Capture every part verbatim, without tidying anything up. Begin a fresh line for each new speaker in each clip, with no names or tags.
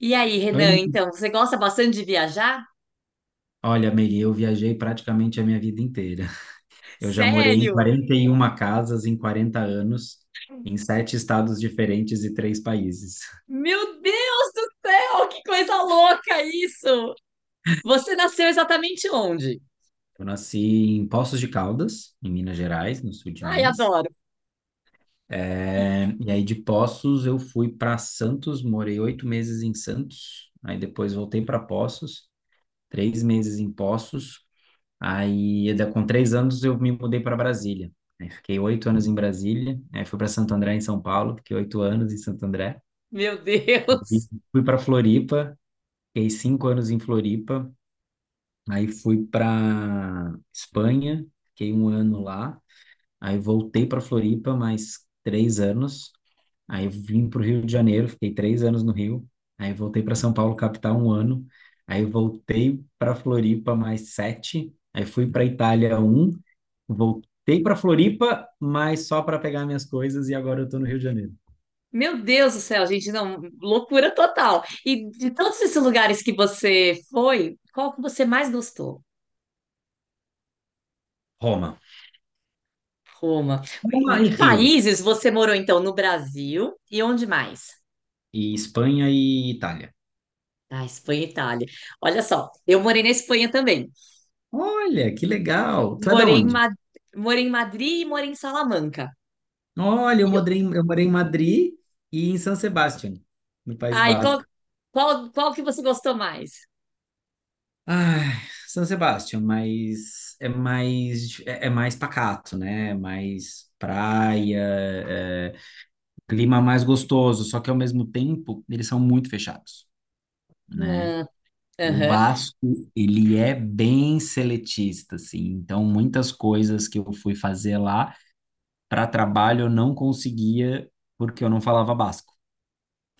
E aí,
Oi,
Renan,
Meire.
então, você gosta bastante de viajar?
Olha, Meire, eu viajei praticamente a minha vida inteira. Eu já morei em
Sério?
quarenta e uma casas em quarenta anos, em sete estados diferentes e três países.
Meu Deus do céu, que coisa louca isso! Você nasceu exatamente onde?
Eu nasci em Poços de Caldas, em Minas Gerais, no sul de
Ai,
Minas.
adoro. E-
É, e aí de Poços eu fui para Santos, morei oito meses em Santos. Aí depois voltei para Poços, três meses em Poços. Aí, da- com três anos, eu me mudei para Brasília. Aí, fiquei oito anos em Brasília. Aí, fui para Santo André, em São Paulo. Fiquei oito anos em Santo André.
Meu
E
Deus.
fui para Floripa. Fiquei cinco anos em Floripa. Aí, fui para Espanha. Fiquei um ano lá. Aí, voltei para Floripa, mais três anos. Aí, vim para o Rio de Janeiro. Fiquei três anos no Rio. Aí, voltei para São Paulo, capital, um ano. Aí, voltei para Floripa, mais sete. Aí, fui para Itália, um. Voltei para Floripa, mas só para pegar minhas coisas e agora eu estou no Rio de Janeiro.
Meu Deus do céu, gente, não, loucura total. E de todos esses lugares que você foi, qual que você mais gostou?
Roma.
Roma.
Roma e
De
Rio.
países você morou então no Brasil e onde mais?
E Espanha e Itália.
Ah, Espanha e Itália. Olha só, eu morei na Espanha também.
Olha, que legal. Tu é da
Morei em,
onde?
Ma- morei em Madrid e morei em Salamanca.
Olha, eu
E eu-
morei, em- eu morei em Madrid e em San Sebastián, no País
Ah, e qual,
Basco.
qual, qual que você gostou mais?
Ai, San Sebastián, mas é mais é, é mais pacato, né? É mais praia, é, clima mais gostoso, só que ao mesmo tempo eles são muito fechados, né?
Ah,
O
aham.
Basco, ele é bem seletista, assim. Então, muitas coisas que eu fui fazer lá para trabalho eu não conseguia porque eu não falava basco.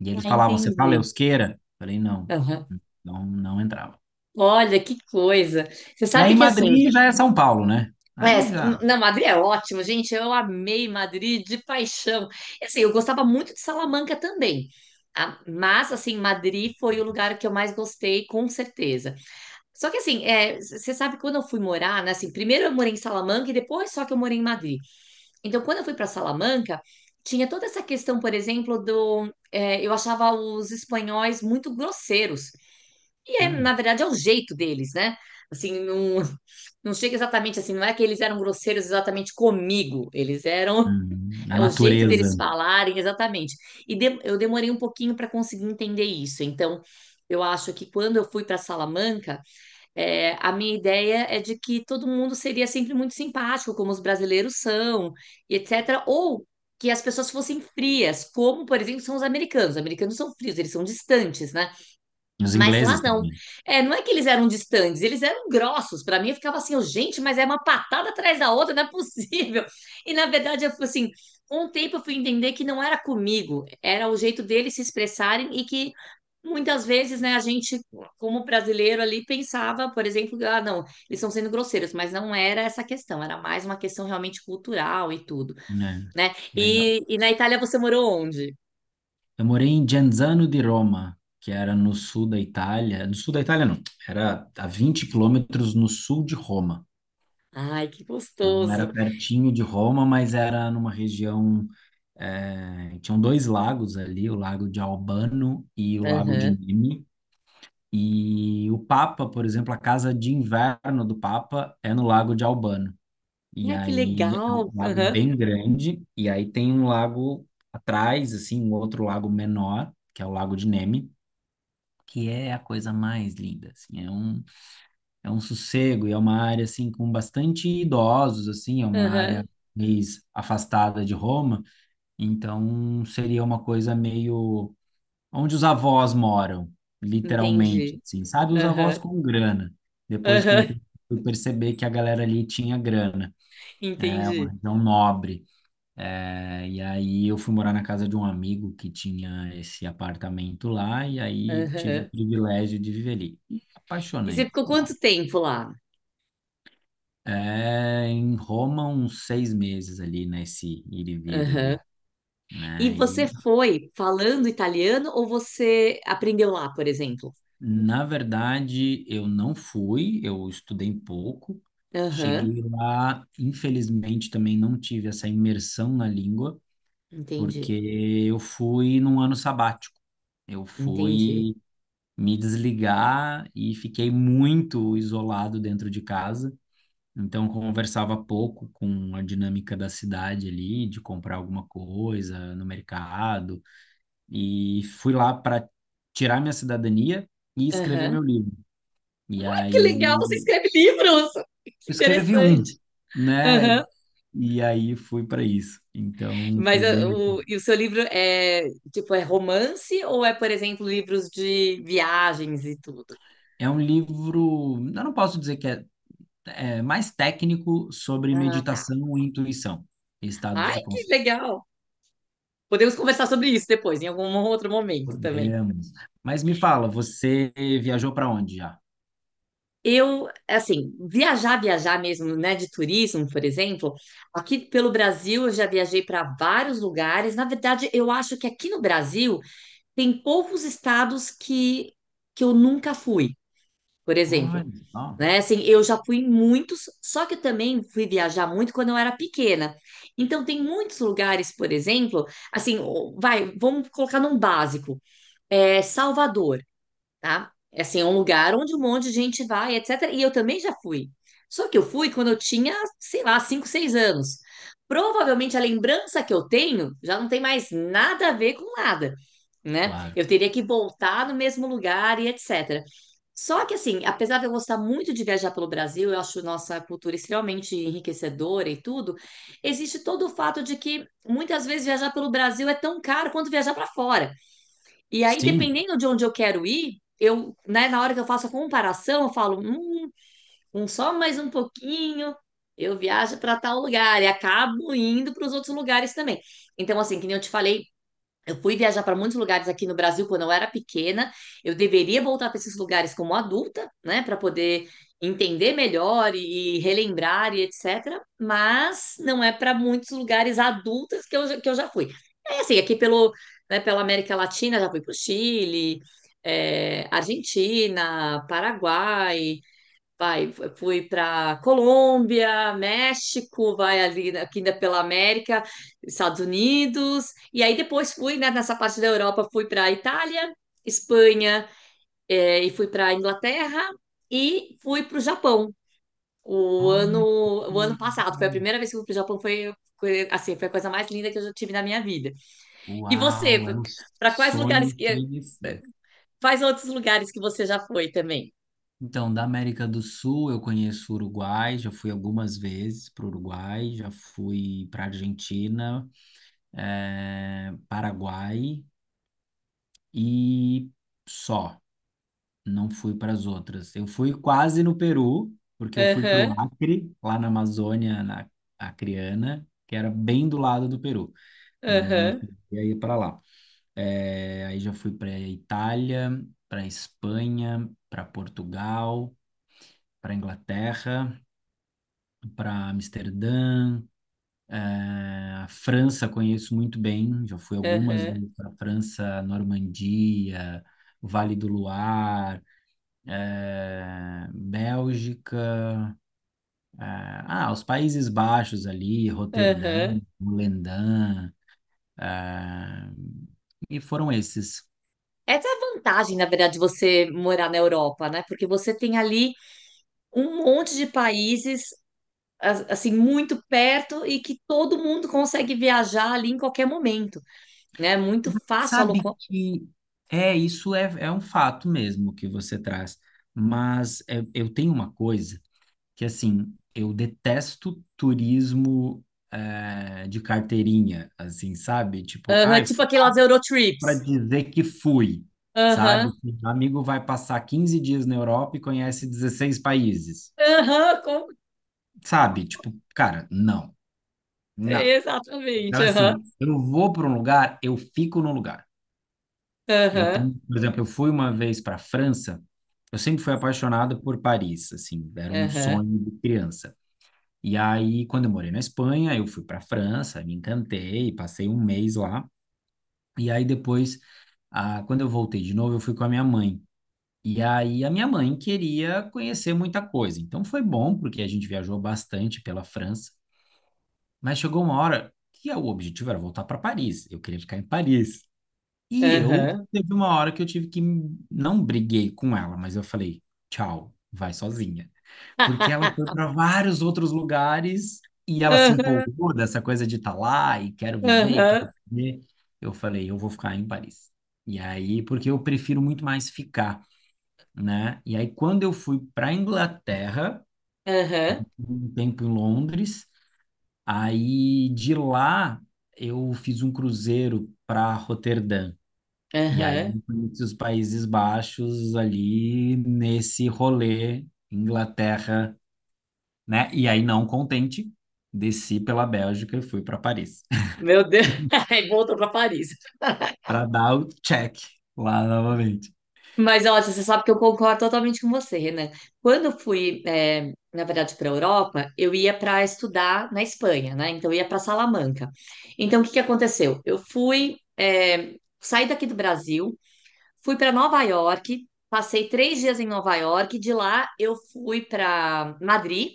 E eles
Ah,
falavam, você fala
entendi.
euskera? Falei, não,
Aham.
não, não entrava.
Olha, que coisa. Você
E
sabe
aí,
que assim,
Madrid já é São Paulo, né? Aí já.
é, na Madrid é ótimo, gente. Eu amei Madrid de paixão. E, assim, eu gostava muito de Salamanca também. Ah, mas, assim, Madrid foi o lugar que eu mais gostei, com certeza. Só que, assim, é, c- você sabe, que quando eu fui morar, né, assim, primeiro eu morei em Salamanca e depois só que eu morei em Madrid. Então, quando eu fui para Salamanca, tinha toda essa questão, por exemplo, do. É, eu achava os espanhóis muito grosseiros. E, é, na
hum,
verdade, é o jeito deles, né? Assim, não, não chega exatamente assim, não é que eles eram grosseiros exatamente comigo, eles eram.
hum, a
É o jeito deles
natureza,
falarem, exatamente. E de- eu demorei um pouquinho para conseguir entender isso. Então, eu acho que quando eu fui para Salamanca, é, a minha ideia é de que todo mundo seria sempre muito simpático, como os brasileiros são, e et cetera. Ou que as pessoas fossem frias, como, por exemplo, são os americanos. Os americanos são frios, eles são distantes, né?
os
Mas lá
ingleses
não.
também,
É, não é que eles eram distantes, eles eram grossos. Para mim, eu ficava assim, oh, gente, mas é uma patada atrás da outra, não é possível. E na verdade, eu fui assim. Um tempo eu fui entender que não era comigo, era o jeito deles se expressarem e que muitas vezes, né, a gente, como brasileiro ali, pensava, por exemplo, ah, não, eles estão sendo grosseiros, mas não era essa questão, era mais uma questão realmente cultural e tudo,
né?
né?
Legal.
E, e na Itália você morou onde?
Eu morei em Genzano di Roma, que era no sul da Itália. No sul da Itália, não. Era a vinte quilômetros no sul de Roma.
Ai, que
Então, era
gostoso.
pertinho de Roma, mas era numa região. Eh, tinham dois lagos ali, o Lago de Albano e o Lago de
Aham.
Nemi. E o Papa, por exemplo, a casa de inverno do Papa é no Lago de Albano. E
Ai, que
aí é um
legal.
lago
Aham,
bem grande, e aí tem um lago atrás, assim, um outro lago menor, que é o Lago de Nemi, que é a coisa mais linda, assim, é um, é um sossego e é uma área, assim, com bastante idosos, assim, é uma área
aham.
mais afastada de Roma, então seria uma coisa meio onde os avós moram, literalmente,
Entendi.
assim, sabe? Os avós
Aham,
com grana, depois com o
aham.
tempo eu perceber que a galera ali tinha grana, é uma
Entendi.
região nobre, é, e aí eu fui morar na casa de um amigo que tinha esse apartamento lá, e aí tive o
Aham.
privilégio de viver ali. E
E você
apaixonei,
ficou
né?
quanto tempo lá?
É, em Roma, uns seis meses ali, nesse ir e vir
Aham.
ali,
E
né?
você
E,
foi falando italiano ou você aprendeu lá, por exemplo?
na verdade, eu não fui, eu estudei pouco.
Aham.
Cheguei lá, infelizmente, também não tive essa imersão na língua, porque
Entendi,
eu fui num ano sabático. Eu
entendi.
fui me desligar e fiquei muito isolado dentro de casa. Então, conversava pouco com a dinâmica da cidade ali, de comprar alguma coisa no mercado. E fui lá para tirar minha cidadania e escrever
Aham.
meu livro.
Ah,
E
que legal, você
aí,
escreve livros! Que
eu escrevi um,
interessante.
né?
Aham.
E aí fui para isso. Então,
Mas
foi
ah,
bem.
o, e o seu livro é, tipo, é romance ou é, por exemplo, livros de viagens e tudo?
É um livro. Eu não posso dizer que é é, mais técnico sobre
Ah, tá.
meditação e intuição, estados
Ai,
de
que
consciência.
legal. Podemos conversar sobre isso depois, em algum outro momento também.
Podemos. Mas me fala, você viajou para onde já?
Eu, assim, viajar, viajar mesmo, né, de turismo, por exemplo, aqui pelo Brasil eu já viajei para vários lugares. Na verdade, eu acho que aqui no Brasil tem poucos estados que, que eu nunca fui, por
Olha
exemplo.
só,
Né? Assim, eu já fui em muitos, só que eu também fui viajar muito quando eu era pequena. Então, tem muitos lugares, por exemplo, assim, o- vai, vamos colocar num básico, é, Salvador tá? É assim, é um lugar onde um monte de gente vai, et cetera. E eu também já fui. Só que eu fui quando eu tinha, sei lá, cinco seis anos. Provavelmente a lembrança que eu tenho já não tem mais nada a ver com nada, né?
claro.
Eu teria que voltar no mesmo lugar e et cetera. Só que assim, apesar de eu gostar muito de viajar pelo Brasil, eu acho nossa cultura extremamente enriquecedora e tudo, existe todo o fato de que muitas vezes viajar pelo Brasil é tão caro quanto viajar para fora. E aí,
Sim.
dependendo de onde eu quero ir, eu, né, na hora que eu faço a comparação, eu falo, hum, um só mais um pouquinho, eu viajo para tal lugar e acabo indo para os outros lugares também. Então, assim, que nem eu te falei, eu fui viajar para muitos lugares aqui no Brasil quando eu era pequena. Eu deveria voltar para esses lugares como adulta, né, para poder entender melhor e relembrar e et cetera. Mas não é para muitos lugares adultos que eu, que eu já fui. É assim, aqui pelo, né, pela América Latina, já fui para o Chile, é, Argentina, Paraguai, vai, fui para Colômbia, México, vai ali né, aqui ainda pela América, Estados Unidos, e aí depois fui, né, nessa parte da Europa, fui para Itália, Espanha, eh, e fui para Inglaterra e fui para o Japão. O ano,
Olha, que
o ano passado foi a
legal.
primeira vez que eu fui para o Japão, foi, foi, assim, foi a coisa mais linda que eu já tive na minha vida. E você,
Uau, é um
para quais lugares
sonho
que,
conhecer.
quais outros lugares que você já foi também?
Então, da América do Sul, eu conheço o Uruguai, já fui algumas vezes para o Uruguai, já fui para a Argentina, eh, Paraguai e só. Não fui para as outras. Eu fui quase no Peru, porque eu fui para o
Aham,
Acre, lá na Amazônia, na Acreana, que era bem do lado do Peru, mas não
aham,
cheguei a ir para lá. É, aí já fui para a Itália, para a Espanha, para Portugal, para Inglaterra, para Amsterdã. É, a França conheço muito bem, já fui algumas
aham,
vezes para a França, Normandia, Vale do Luar. eh, Bélgica, ah, ah, os Países Baixos ali, Roterdã,
aham.
Volendam, ah, e foram esses.
Essa é a vantagem, na verdade, de você morar na Europa, né? Porque você tem ali um monte de países, as- assim, muito perto e que todo mundo consegue viajar ali em qualquer momento, né? É muito
Mas
fácil
sabe
alocar.
que é isso é, é um fato mesmo que você traz, mas é, eu tenho uma coisa que assim eu detesto turismo eh, de carteirinha, assim, sabe? Tipo,
Aham,
ai,
tipo aquelas Eurotrips.
para dizer que fui, sabe?
Aham,
Assim, um amigo vai passar quinze dias na Europa e conhece dezesseis países,
aham, com-
sabe? Tipo, cara, não, não. Então,
exatamente, aham,
assim, eu vou para um lugar, eu fico no lugar. Eu
aham.
tenho, por exemplo, eu fui uma vez para a França, eu sempre fui apaixonado por Paris, assim, era um
Aham,
sonho de criança. E aí, quando eu morei na Espanha, eu fui para a França, me encantei, passei um mês lá. E aí depois, ah, quando eu voltei de novo, eu fui com a minha mãe. E aí a minha mãe queria conhecer muita coisa. Então foi bom, porque a gente viajou bastante pela França, mas chegou uma hora que o objetivo era voltar para Paris. Eu queria ficar em Paris. E eu
aham.
teve uma hora que eu tive que não briguei com ela, mas eu falei: "Tchau, vai sozinha". Porque ela foi para vários outros lugares e ela se
Aham,
empolgou dessa coisa de estar lá e quero viver, e
aham,
quero viver. Eu falei: "Eu vou ficar em Paris". E aí, porque eu prefiro muito mais ficar, né? E aí, quando eu fui para a Inglaterra,
aham,
um tempo em Londres, aí de lá eu fiz um cruzeiro para Roterdã. E aí,
aham.
conheci os Países Baixos ali nesse rolê, Inglaterra, né? E aí, não contente, desci pela Bélgica e fui para Paris,
Meu Deus, aí voltou para Paris.
para dar o check lá novamente,
Mas olha, você sabe que eu concordo totalmente com você, Renan. Quando eu fui, eh, na verdade, para a Europa, eu ia para estudar na Espanha, né? Então eu ia para Salamanca. Então o que que aconteceu? Eu fui, eh, saí daqui do Brasil, fui para Nova York, passei três dias em Nova York, de lá eu fui para Madrid.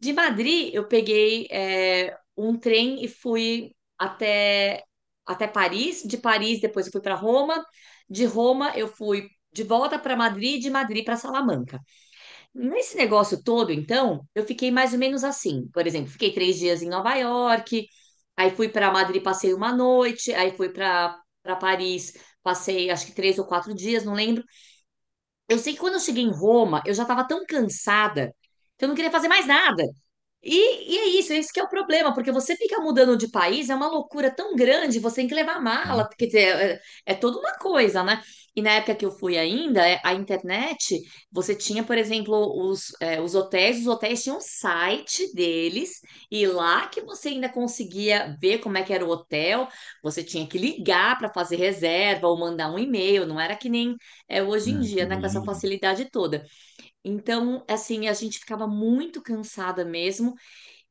De Madrid, eu peguei é, um trem e fui até, até Paris. De Paris, depois eu fui para Roma. De Roma, eu fui de volta para Madrid, de Madrid para Salamanca. Nesse negócio todo, então, eu fiquei mais ou menos assim. Por exemplo, fiquei três dias em Nova York, aí fui para Madrid, passei uma noite, aí fui para para Paris, passei acho que três ou quatro dias, não lembro. Eu sei que quando eu cheguei em Roma, eu já estava tão cansada que eu não queria fazer mais nada. E, e é isso, esse que é o problema, porque você fica mudando de país, é uma loucura tão grande, você tem que levar
né?
mala, quer dizer, é, é toda uma coisa, né? E na época que eu fui ainda, é, a internet, você tinha, por exemplo, os, é, os hotéis, os hotéis tinham um site deles, e lá que você ainda conseguia ver como é que era o hotel, você tinha que ligar para fazer reserva ou mandar um e-mail, não era que nem é hoje em
Hum,
dia, né, com
hoje
essa
em dia,
facilidade toda. Então, assim, a gente ficava muito cansada mesmo,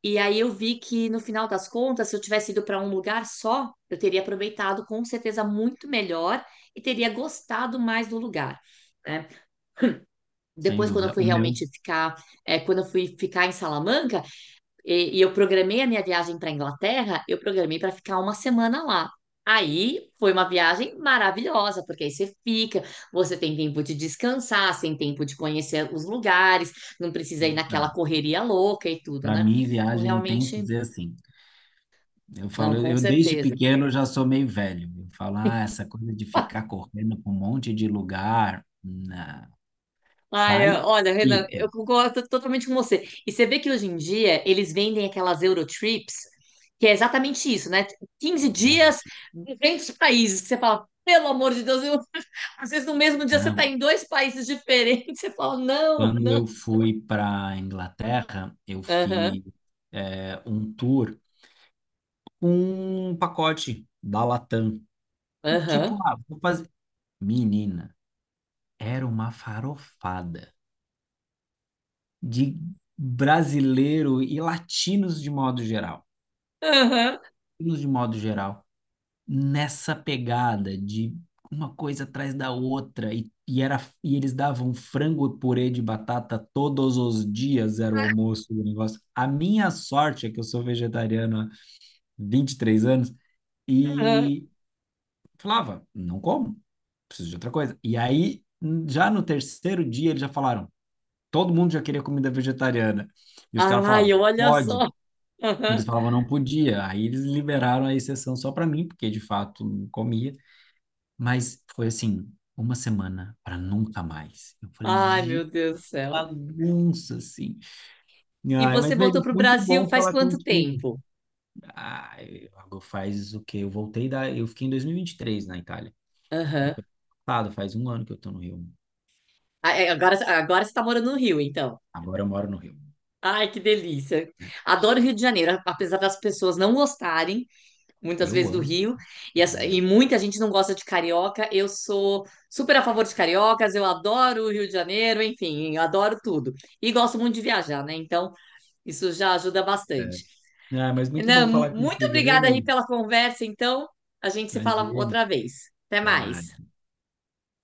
e aí eu vi que no final das contas, se eu tivesse ido para um lugar só, eu teria aproveitado com certeza muito melhor e teria gostado mais do lugar. Né?
sem
Depois, quando eu
dúvida.
fui
O meu,
realmente ficar, é, quando eu fui ficar em Salamanca e, e eu programei a minha viagem para Inglaterra, eu programei para ficar uma semana lá. Aí foi uma viagem maravilhosa, porque aí você fica, você tem tempo de descansar, você tem tempo de conhecer os lugares, não precisa ir naquela correria louca e tudo,
para
né?
mim,
Então,
viagem tem que
realmente.
ser assim. Eu
Não,
falo,
com
eu desde
certeza.
pequeno já sou meio velho. Eu falo, ah, essa coisa de ficar correndo para um monte de lugar, na-
Ai,
vai
eu- olha, Renan,
e fica,
eu concordo totalmente com você. E você vê que hoje em dia eles vendem aquelas Eurotrips, que é exatamente isso, né? Quinze
não,
dias,
tipo,
duzentos países. Que você fala, pelo amor de Deus, eu- às vezes no mesmo dia você está
não.
em dois países diferentes. Você fala, não,
Quando
não.
eu fui para Inglaterra, eu
Aham,
fiz é, um tour com um pacote da Latam.
aham,
Tipo, ah, vou fazer. Menina, era uma farofada de brasileiro e latinos de modo geral.
aham,
Latinos de modo geral. Nessa pegada de uma coisa atrás da outra e, e era e eles davam frango e purê de batata todos os dias, era o almoço do negócio. A minha sorte é que eu sou vegetariano há vinte e três anos
aham.
e falava, não como, preciso de outra coisa. E aí, já no terceiro dia, eles já falaram, todo mundo já queria comida vegetariana. E os caras falavam,
Ai, olha
pode.
só.
Eles
Aham.
falavam não podia. Aí eles liberaram a exceção só para mim, porque de fato não comia. Mas foi assim, uma semana para nunca mais. Eu falei,
Ai, meu
"Gi,
Deus do céu.
bagunça, assim.
E
Ai,
você
mas,
voltou
Mary,
para o
muito
Brasil
bom
faz
falar
quanto
contigo.
tempo?
Ai, eu- faz o quê? Eu voltei da... Eu fiquei em dois mil e e vinte e três na Itália. Então,
Aham.
foi passado, faz um ano que eu tô no Rio.
Ah, é, agora, agora você está morando no Rio, então.
Agora eu moro no Rio,
Ai, que delícia.
né?
Adoro o Rio de Janeiro, apesar das pessoas não gostarem muitas
Eu
vezes do
amo isso.
Rio, e, as- e
Amo.
muita gente não gosta de carioca. Eu sou super a favor de cariocas, eu adoro o Rio de Janeiro, enfim, eu adoro tudo. E gosto muito de viajar, né? Então, isso já ajuda
É.
bastante.
Ah, mas muito
Renan,
bom falar
muito
contigo, viu,
obrigada aí
Mary?
pela conversa, então. A gente se fala
Imagina.
outra vez. Até
Até
mais.
mais.